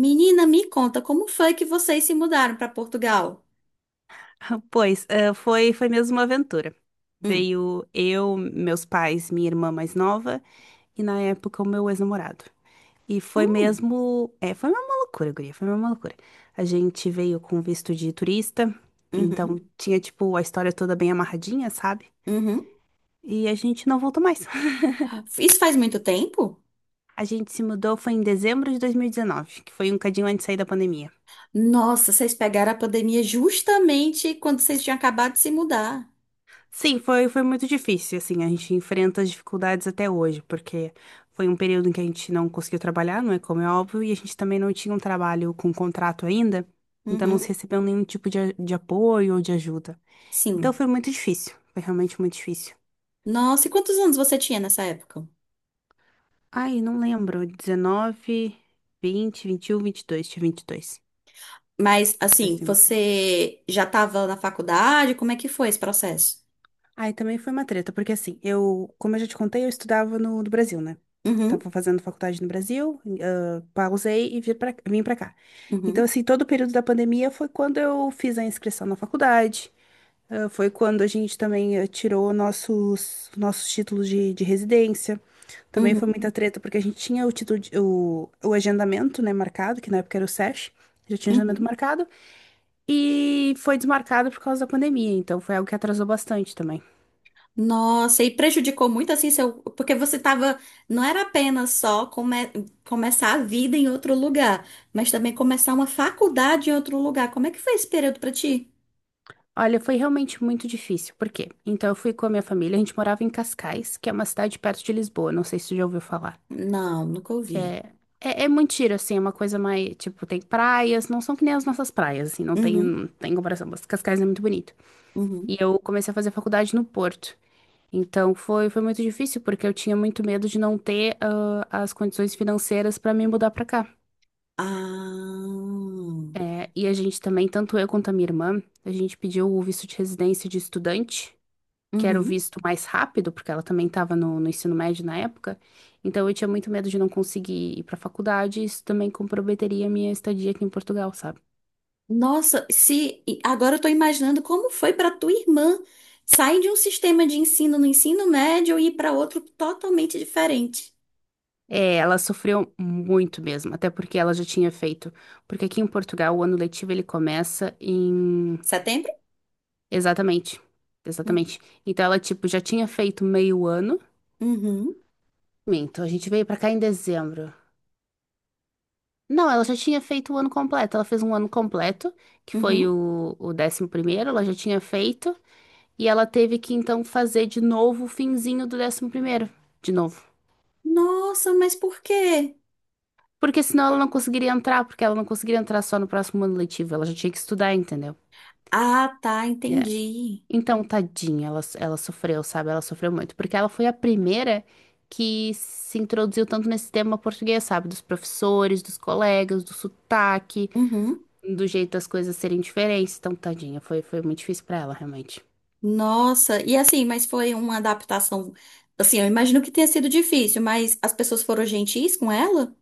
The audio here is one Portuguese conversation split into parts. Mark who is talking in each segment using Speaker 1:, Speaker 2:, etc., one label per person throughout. Speaker 1: Menina, me conta, como foi que vocês se mudaram para Portugal?
Speaker 2: Pois, foi mesmo uma aventura.
Speaker 1: Hum.
Speaker 2: Veio eu, meus pais, minha irmã mais nova e na época o meu ex-namorado. E foi
Speaker 1: Hum.
Speaker 2: mesmo, foi uma loucura, guria, foi uma loucura. A gente veio com visto de turista, então
Speaker 1: Uhum.
Speaker 2: tinha tipo a história toda bem amarradinha, sabe?
Speaker 1: Uhum.
Speaker 2: E a gente não voltou mais.
Speaker 1: Isso faz muito tempo?
Speaker 2: A gente se mudou foi em dezembro de 2019, que foi um cadinho antes de sair da pandemia.
Speaker 1: Nossa, vocês pegaram a pandemia justamente quando vocês tinham acabado de se mudar.
Speaker 2: Sim, foi muito difícil, assim, a gente enfrenta as dificuldades até hoje, porque foi um período em que a gente não conseguiu trabalhar, não é como é óbvio, e a gente também não tinha um trabalho com contrato ainda, então não se
Speaker 1: Uhum.
Speaker 2: recebeu nenhum tipo de apoio ou de ajuda. Então
Speaker 1: Sim.
Speaker 2: foi muito difícil, foi realmente muito difícil.
Speaker 1: Nossa, e quantos anos você tinha nessa época?
Speaker 2: Ai, não lembro, 19, 20, 21, 22, tinha 22,
Speaker 1: Mas, assim,
Speaker 2: e 27.
Speaker 1: você já estava na faculdade? Como é que foi esse processo?
Speaker 2: Aí também foi uma treta, porque assim, eu, como eu já te contei, eu estudava no Brasil, né?
Speaker 1: Uhum.
Speaker 2: Tava fazendo faculdade no Brasil, pausei e vim pra cá. Então,
Speaker 1: Uhum.
Speaker 2: assim, todo o período da pandemia foi quando eu fiz a inscrição na faculdade, foi quando a gente também tirou nossos títulos de residência. Também foi
Speaker 1: Uhum.
Speaker 2: muita treta, porque a gente tinha o título, o agendamento, né, marcado, que na época era o SESH, já tinha agendamento
Speaker 1: Uhum.
Speaker 2: marcado, e foi desmarcado por causa da pandemia, então foi algo que atrasou bastante também.
Speaker 1: Nossa, e prejudicou muito assim seu. Porque você tava. Não era apenas só começar a vida em outro lugar, mas também começar uma faculdade em outro lugar. Como é que foi esse período pra ti?
Speaker 2: Olha, foi realmente muito difícil. Por quê? Então, eu fui com a minha família. A gente morava em Cascais, que é uma cidade perto de Lisboa. Não sei se você já ouviu falar.
Speaker 1: Não, nunca
Speaker 2: Que
Speaker 1: ouvi.
Speaker 2: é, muito giro, assim. É uma coisa mais. Tipo, tem praias. Não são que nem as nossas praias, assim.
Speaker 1: Uhum,
Speaker 2: Não tem comparação. Mas Cascais é muito bonito.
Speaker 1: uhum.
Speaker 2: E eu comecei a fazer faculdade no Porto. Então, foi muito difícil, porque eu tinha muito medo de não ter as condições financeiras para me mudar para cá.
Speaker 1: Ah.
Speaker 2: É, e a gente também, tanto eu quanto a minha irmã, a gente pediu o visto de residência de estudante. Que era o
Speaker 1: Uhum.
Speaker 2: visto mais rápido, porque ela também estava no ensino médio na época. Então eu tinha muito medo de não conseguir ir para a faculdade, e isso também comprometeria a minha estadia aqui em Portugal, sabe?
Speaker 1: Nossa, se e agora eu tô imaginando como foi para tua irmã sair de um sistema de ensino no ensino médio e ir para outro totalmente diferente.
Speaker 2: É, ela sofreu muito mesmo, até porque ela já tinha feito. Porque aqui em Portugal o ano letivo ele começa em.
Speaker 1: Setembro?
Speaker 2: Exatamente.
Speaker 1: Hum.
Speaker 2: Exatamente. Então ela, tipo, já tinha feito meio ano.
Speaker 1: Uhum,
Speaker 2: Minto, a gente veio pra cá em dezembro. Não, ela já tinha feito o ano completo. Ela fez um ano completo, que foi
Speaker 1: uhum.
Speaker 2: o 11º, ela já tinha feito. E ela teve que então fazer de novo o finzinho do 11º, de novo.
Speaker 1: Nossa, mas por quê?
Speaker 2: Porque senão ela não conseguiria entrar, porque ela não conseguiria entrar só no próximo ano letivo, ela já tinha que estudar, entendeu?
Speaker 1: Ah, tá,
Speaker 2: É.
Speaker 1: entendi.
Speaker 2: Então, tadinha, ela sofreu, sabe? Ela sofreu muito, porque ela foi a primeira que se introduziu tanto nesse tema português, sabe? Dos professores, dos colegas, do sotaque,
Speaker 1: Uhum.
Speaker 2: do jeito das coisas serem diferentes. Então, tadinha, foi muito difícil pra ela, realmente.
Speaker 1: Nossa, e assim, mas foi uma adaptação. Assim, eu imagino que tenha sido difícil, mas as pessoas foram gentis com ela?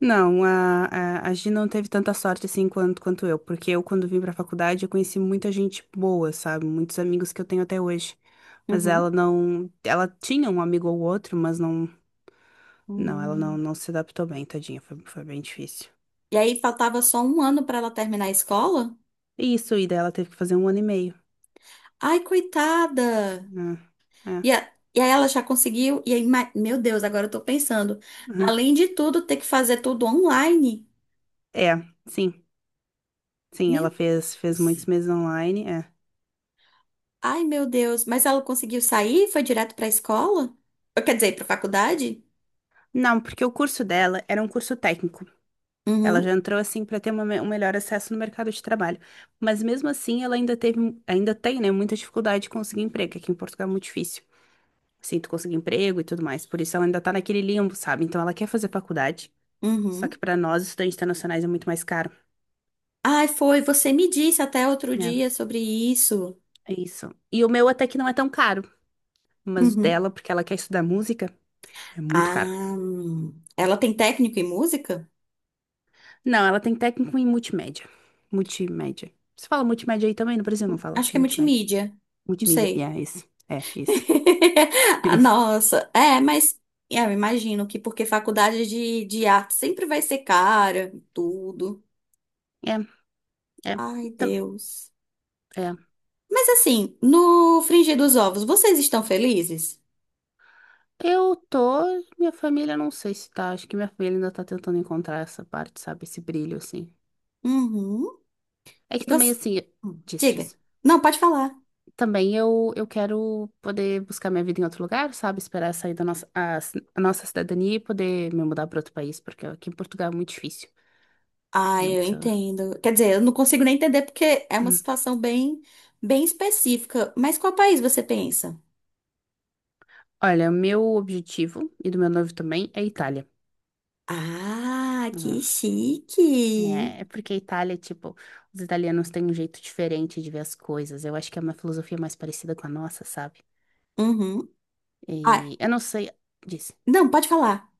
Speaker 2: Não, a Gi não teve tanta sorte assim quanto eu, porque eu, quando vim pra faculdade, eu conheci muita gente boa, sabe? Muitos amigos que eu tenho até hoje. Mas
Speaker 1: Uhum.
Speaker 2: ela não. Ela tinha um amigo ou outro, mas não. Não, ela
Speaker 1: Hum.
Speaker 2: não se adaptou bem, tadinha. Foi bem difícil.
Speaker 1: E aí faltava só um ano pra ela terminar a escola?
Speaker 2: Isso, e daí ela teve que fazer um ano e meio.
Speaker 1: Ai, coitada!
Speaker 2: Né? É,
Speaker 1: E, e aí ela já conseguiu, e aí, meu Deus, agora eu tô pensando,
Speaker 2: uhum.
Speaker 1: além de tudo, ter que fazer tudo online.
Speaker 2: É, sim. Sim,
Speaker 1: Meu
Speaker 2: ela fez muitos
Speaker 1: Deus.
Speaker 2: meses online. É.
Speaker 1: Ai, meu Deus. Mas ela conseguiu sair? Foi direto pra escola? Ou, quer dizer, pra faculdade?
Speaker 2: Não, porque o curso dela era um curso técnico. Ela
Speaker 1: Uhum,
Speaker 2: já entrou assim para ter um melhor acesso no mercado de trabalho. Mas mesmo assim, ela ainda tem, né, muita dificuldade de conseguir emprego, que aqui em Portugal é muito difícil. Assim, tu conseguir emprego e tudo mais. Por isso ela ainda tá naquele limbo, sabe? Então ela quer fazer faculdade, só que
Speaker 1: uhum.
Speaker 2: para nós, estudantes internacionais, é muito mais caro.
Speaker 1: Ai, foi. Você me disse até outro
Speaker 2: É,
Speaker 1: dia sobre isso.
Speaker 2: é isso. E o meu até que não é tão caro, mas o
Speaker 1: Uhum.
Speaker 2: dela, porque ela quer estudar música, é muito
Speaker 1: Ah,
Speaker 2: caro.
Speaker 1: hum. Ela tem técnico em música?
Speaker 2: Não, ela tem técnico em multimédia. Multimédia. Você fala multimédia aí também? No Brasil não fala
Speaker 1: Acho que é
Speaker 2: multimédia.
Speaker 1: multimídia. Não
Speaker 2: Multimídia.
Speaker 1: sei.
Speaker 2: Yeah, isso. É, isso. É
Speaker 1: Ah,
Speaker 2: isso.
Speaker 1: nossa, é, mas é, eu imagino que porque faculdade de arte sempre vai ser cara, tudo.
Speaker 2: É. É,
Speaker 1: Ai,
Speaker 2: tam-
Speaker 1: Deus.
Speaker 2: é.
Speaker 1: Mas assim, no frigir dos ovos, vocês estão felizes?
Speaker 2: Eu tô, minha família não sei se tá, acho que minha família ainda tá tentando encontrar essa parte, sabe, esse brilho assim.
Speaker 1: Uhum.
Speaker 2: É que
Speaker 1: E
Speaker 2: também
Speaker 1: você?
Speaker 2: assim, disse,
Speaker 1: Diga.
Speaker 2: disse.
Speaker 1: Não, pode falar.
Speaker 2: Também eu quero poder buscar minha vida em outro lugar, sabe, esperar sair da nossa a, ci- a nossa cidadania e poder me mudar para outro país, porque aqui em Portugal é muito difícil. É
Speaker 1: Ah, eu
Speaker 2: muito.
Speaker 1: entendo. Quer dizer, eu não consigo nem entender porque é uma
Speaker 2: Hum.
Speaker 1: situação bem, bem específica. Mas qual país você pensa?
Speaker 2: Olha, meu objetivo e do meu noivo também é a Itália.
Speaker 1: Ah, que chique.
Speaker 2: É porque a Itália, tipo, os italianos têm um jeito diferente de ver as coisas. Eu acho que é uma filosofia mais parecida com a nossa, sabe?
Speaker 1: Uhum. Ah,
Speaker 2: E eu não sei, disse.
Speaker 1: não, pode falar.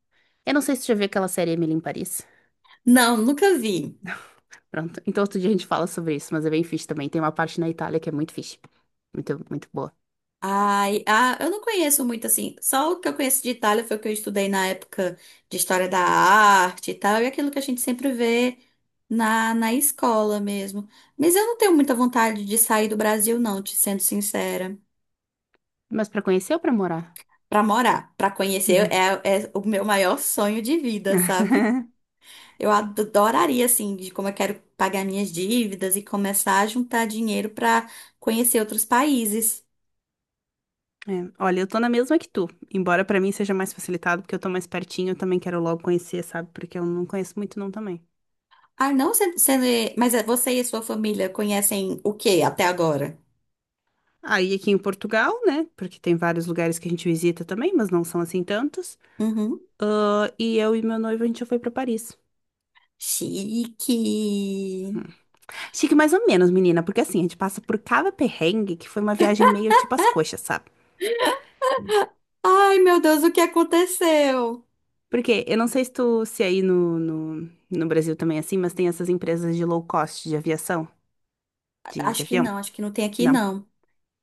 Speaker 2: Eu não sei se você já viu aquela série Emily em Paris.
Speaker 1: Não, nunca vi.
Speaker 2: Pronto. Então outro dia a gente fala sobre isso, mas é bem fixe também. Tem uma parte na Itália que é muito fixe. Muito, muito boa.
Speaker 1: Ai, ah, eu não conheço muito assim. Só o que eu conheço de Itália foi o que eu estudei na época de história da arte e tal, e aquilo que a gente sempre vê na, na escola mesmo. Mas eu não tenho muita vontade de sair do Brasil, não, te sendo sincera.
Speaker 2: Mas pra conhecer ou pra morar?
Speaker 1: Pra morar, pra conhecer,
Speaker 2: Uhum.
Speaker 1: é, é o meu maior sonho de vida, sabe? Eu adoraria, assim, de como eu quero pagar minhas dívidas e começar a juntar dinheiro pra conhecer outros países.
Speaker 2: É, olha, eu tô na mesma que tu, embora pra mim seja mais facilitado, porque eu tô mais pertinho, eu também quero logo conhecer, sabe? Porque eu não conheço muito não também.
Speaker 1: Ah, não, você, mas é, você e a sua família conhecem o que até agora?
Speaker 2: Aí aqui em Portugal, né? Porque tem vários lugares que a gente visita também, mas não são assim tantos.
Speaker 1: Uhum.
Speaker 2: Ah, e eu e meu noivo, a gente já foi pra Paris.
Speaker 1: Chique.
Speaker 2: Chique mais ou menos, menina, porque assim, a gente passa por cada perrengue que foi uma viagem meio tipo as coxas, sabe?
Speaker 1: Ai, meu Deus, o que aconteceu?
Speaker 2: Porque eu não sei se tu, se aí no Brasil também é assim, mas tem essas empresas de low cost de aviação, de avião.
Speaker 1: Acho que não tem aqui,
Speaker 2: Não.
Speaker 1: não.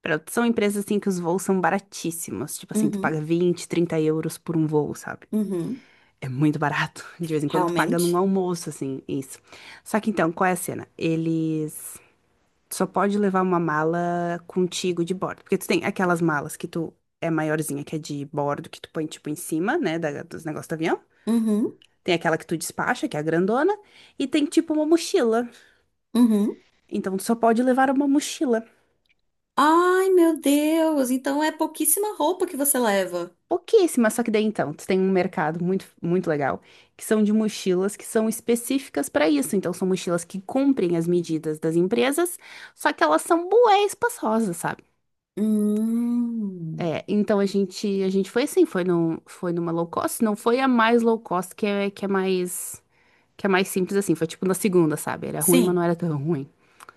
Speaker 2: São empresas assim que os voos são baratíssimos. Tipo assim, tu
Speaker 1: Uhum,
Speaker 2: paga 20, 30 euros por um voo, sabe?
Speaker 1: uhum.
Speaker 2: É muito barato. De vez em quando tu paga num
Speaker 1: Realmente?
Speaker 2: almoço, assim, isso. Só que então, qual é a cena? Eles só pode levar uma mala contigo de bordo. Porque tu tem aquelas malas que tu é maiorzinha, que é de bordo, que tu põe tipo em cima, né, dos negócios do avião.
Speaker 1: Uhum,
Speaker 2: Tem aquela que tu despacha, que é a grandona, e tem tipo uma mochila.
Speaker 1: uhum.
Speaker 2: Então tu só pode levar uma mochila.
Speaker 1: Ai, meu Deus, então é pouquíssima roupa que você leva.
Speaker 2: Pouquíssimas, só que daí então, tu tem um mercado muito, muito legal, que são de mochilas que são específicas para isso. Então, são mochilas que cumprem as medidas das empresas, só que elas são bué espaçosas, sabe?
Speaker 1: Hum.
Speaker 2: É, então a gente foi assim, foi numa low cost, não foi a mais low cost que é mais simples assim, foi tipo na segunda, sabe? Era ruim, mas não
Speaker 1: Sim,
Speaker 2: era tão ruim.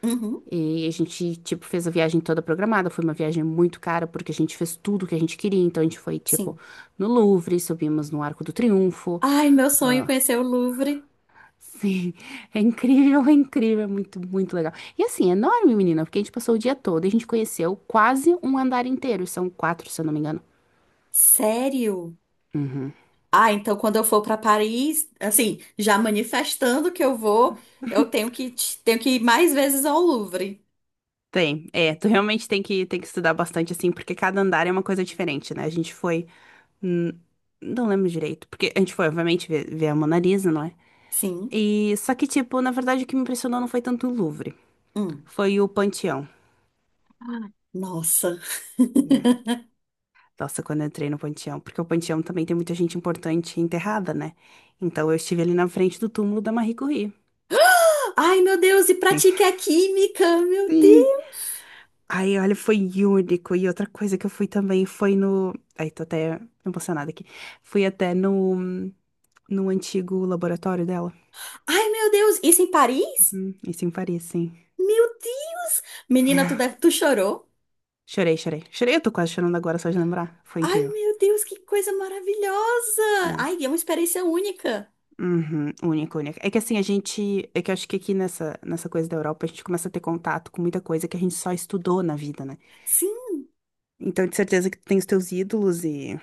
Speaker 1: uhum,
Speaker 2: E a gente, tipo, fez a viagem toda programada. Foi uma viagem muito cara, porque a gente fez tudo o que a gente queria. Então, a gente foi, tipo,
Speaker 1: sim.
Speaker 2: no Louvre, subimos no Arco do Triunfo.
Speaker 1: Ai, meu sonho é conhecer o Louvre.
Speaker 2: Sim, é incrível, é incrível, é muito, muito legal. E assim, é enorme, menina, porque a gente passou o dia todo e a gente conheceu quase um andar inteiro. E são quatro, se eu não me engano.
Speaker 1: Sério? Ah, então quando eu for para Paris, assim, já manifestando que eu vou, eu tenho que ir mais vezes ao Louvre.
Speaker 2: Tem, tu realmente tem que, estudar bastante, assim, porque cada andar é uma coisa diferente, né? A gente foi. hum, Não lembro direito, porque a gente foi, obviamente, ver a Mona Lisa, não é?
Speaker 1: Sim.
Speaker 2: E só que, tipo, na verdade o que me impressionou não foi tanto o Louvre,
Speaker 1: Hum.
Speaker 2: foi o Panteão.
Speaker 1: Ah. Nossa.
Speaker 2: Yeah. Nossa, quando eu entrei no Panteão, porque o Panteão também tem muita gente importante enterrada, né? Então eu estive ali na frente do túmulo da Marie Curie.
Speaker 1: Ai, meu Deus, e
Speaker 2: Sim.
Speaker 1: pratique a química, meu
Speaker 2: Sim.
Speaker 1: Deus.
Speaker 2: Aí, olha, foi único. E outra coisa que eu fui também foi no. Ai, tô até emocionada aqui. Fui até no antigo laboratório dela.
Speaker 1: Ai, meu Deus, isso em Paris?
Speaker 2: Uhum. Isso em Paris, sim.
Speaker 1: Meu Deus. Menina, tu deve, tu chorou?
Speaker 2: Chorei, chorei. Chorei, eu tô quase chorando agora só de lembrar. Foi
Speaker 1: Ai,
Speaker 2: incrível.
Speaker 1: meu Deus, que coisa maravilhosa.
Speaker 2: É.
Speaker 1: Ai, é uma experiência única.
Speaker 2: Uhum, única, única. É que assim, a gente. É que eu acho que aqui nessa coisa da Europa, a gente começa a ter contato com muita coisa que a gente só estudou na vida, né?
Speaker 1: Sim.
Speaker 2: Então, de certeza que tu tem os teus ídolos e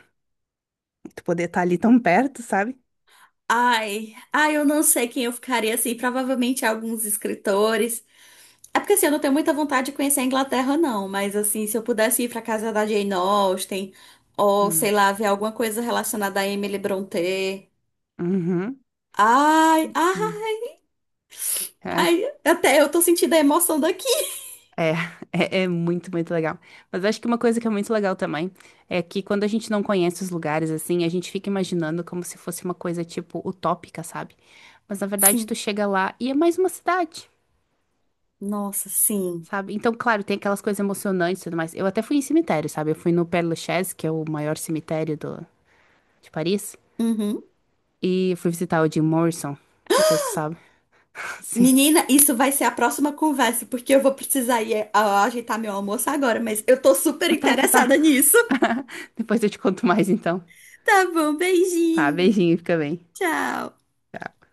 Speaker 2: tu poder estar ali tão perto, sabe?
Speaker 1: Ai, ai, eu não sei quem eu ficaria assim, provavelmente alguns escritores. É porque assim, eu não tenho muita vontade de conhecer a Inglaterra, não. Mas assim, se eu pudesse ir pra casa da Jane Austen, ou sei
Speaker 2: Hum,
Speaker 1: lá, ver alguma coisa relacionada a Emily Brontë.
Speaker 2: Uhum.
Speaker 1: Ai,
Speaker 2: Uhum.
Speaker 1: ah,
Speaker 2: É,
Speaker 1: ai, até eu tô sentindo a emoção daqui.
Speaker 2: é, é muito, muito legal. Mas eu acho que uma coisa que é muito legal também é que quando a gente não conhece os lugares, assim, a gente fica imaginando como se fosse uma coisa, tipo, utópica, sabe? Mas na verdade, tu
Speaker 1: Sim,
Speaker 2: chega lá e é mais uma cidade.
Speaker 1: nossa, sim.
Speaker 2: Sabe? Então, claro, tem aquelas coisas emocionantes e tudo mais. Eu até fui em cemitério, sabe? Eu fui no Père Lachaise, que é o maior cemitério de Paris,
Speaker 1: Uhum.
Speaker 2: e fui visitar o Jim Morrison. Não sei se tu sabe. Sim.
Speaker 1: Menina, isso vai ser a próxima conversa, porque eu vou precisar ir ajeitar meu almoço agora, mas eu tô super
Speaker 2: Ah, tá, tá, tá.
Speaker 1: interessada nisso.
Speaker 2: Depois eu te conto mais, então.
Speaker 1: Tá bom,
Speaker 2: Tá,
Speaker 1: beijinho.
Speaker 2: beijinho, fica bem.
Speaker 1: Tchau.
Speaker 2: Tchau.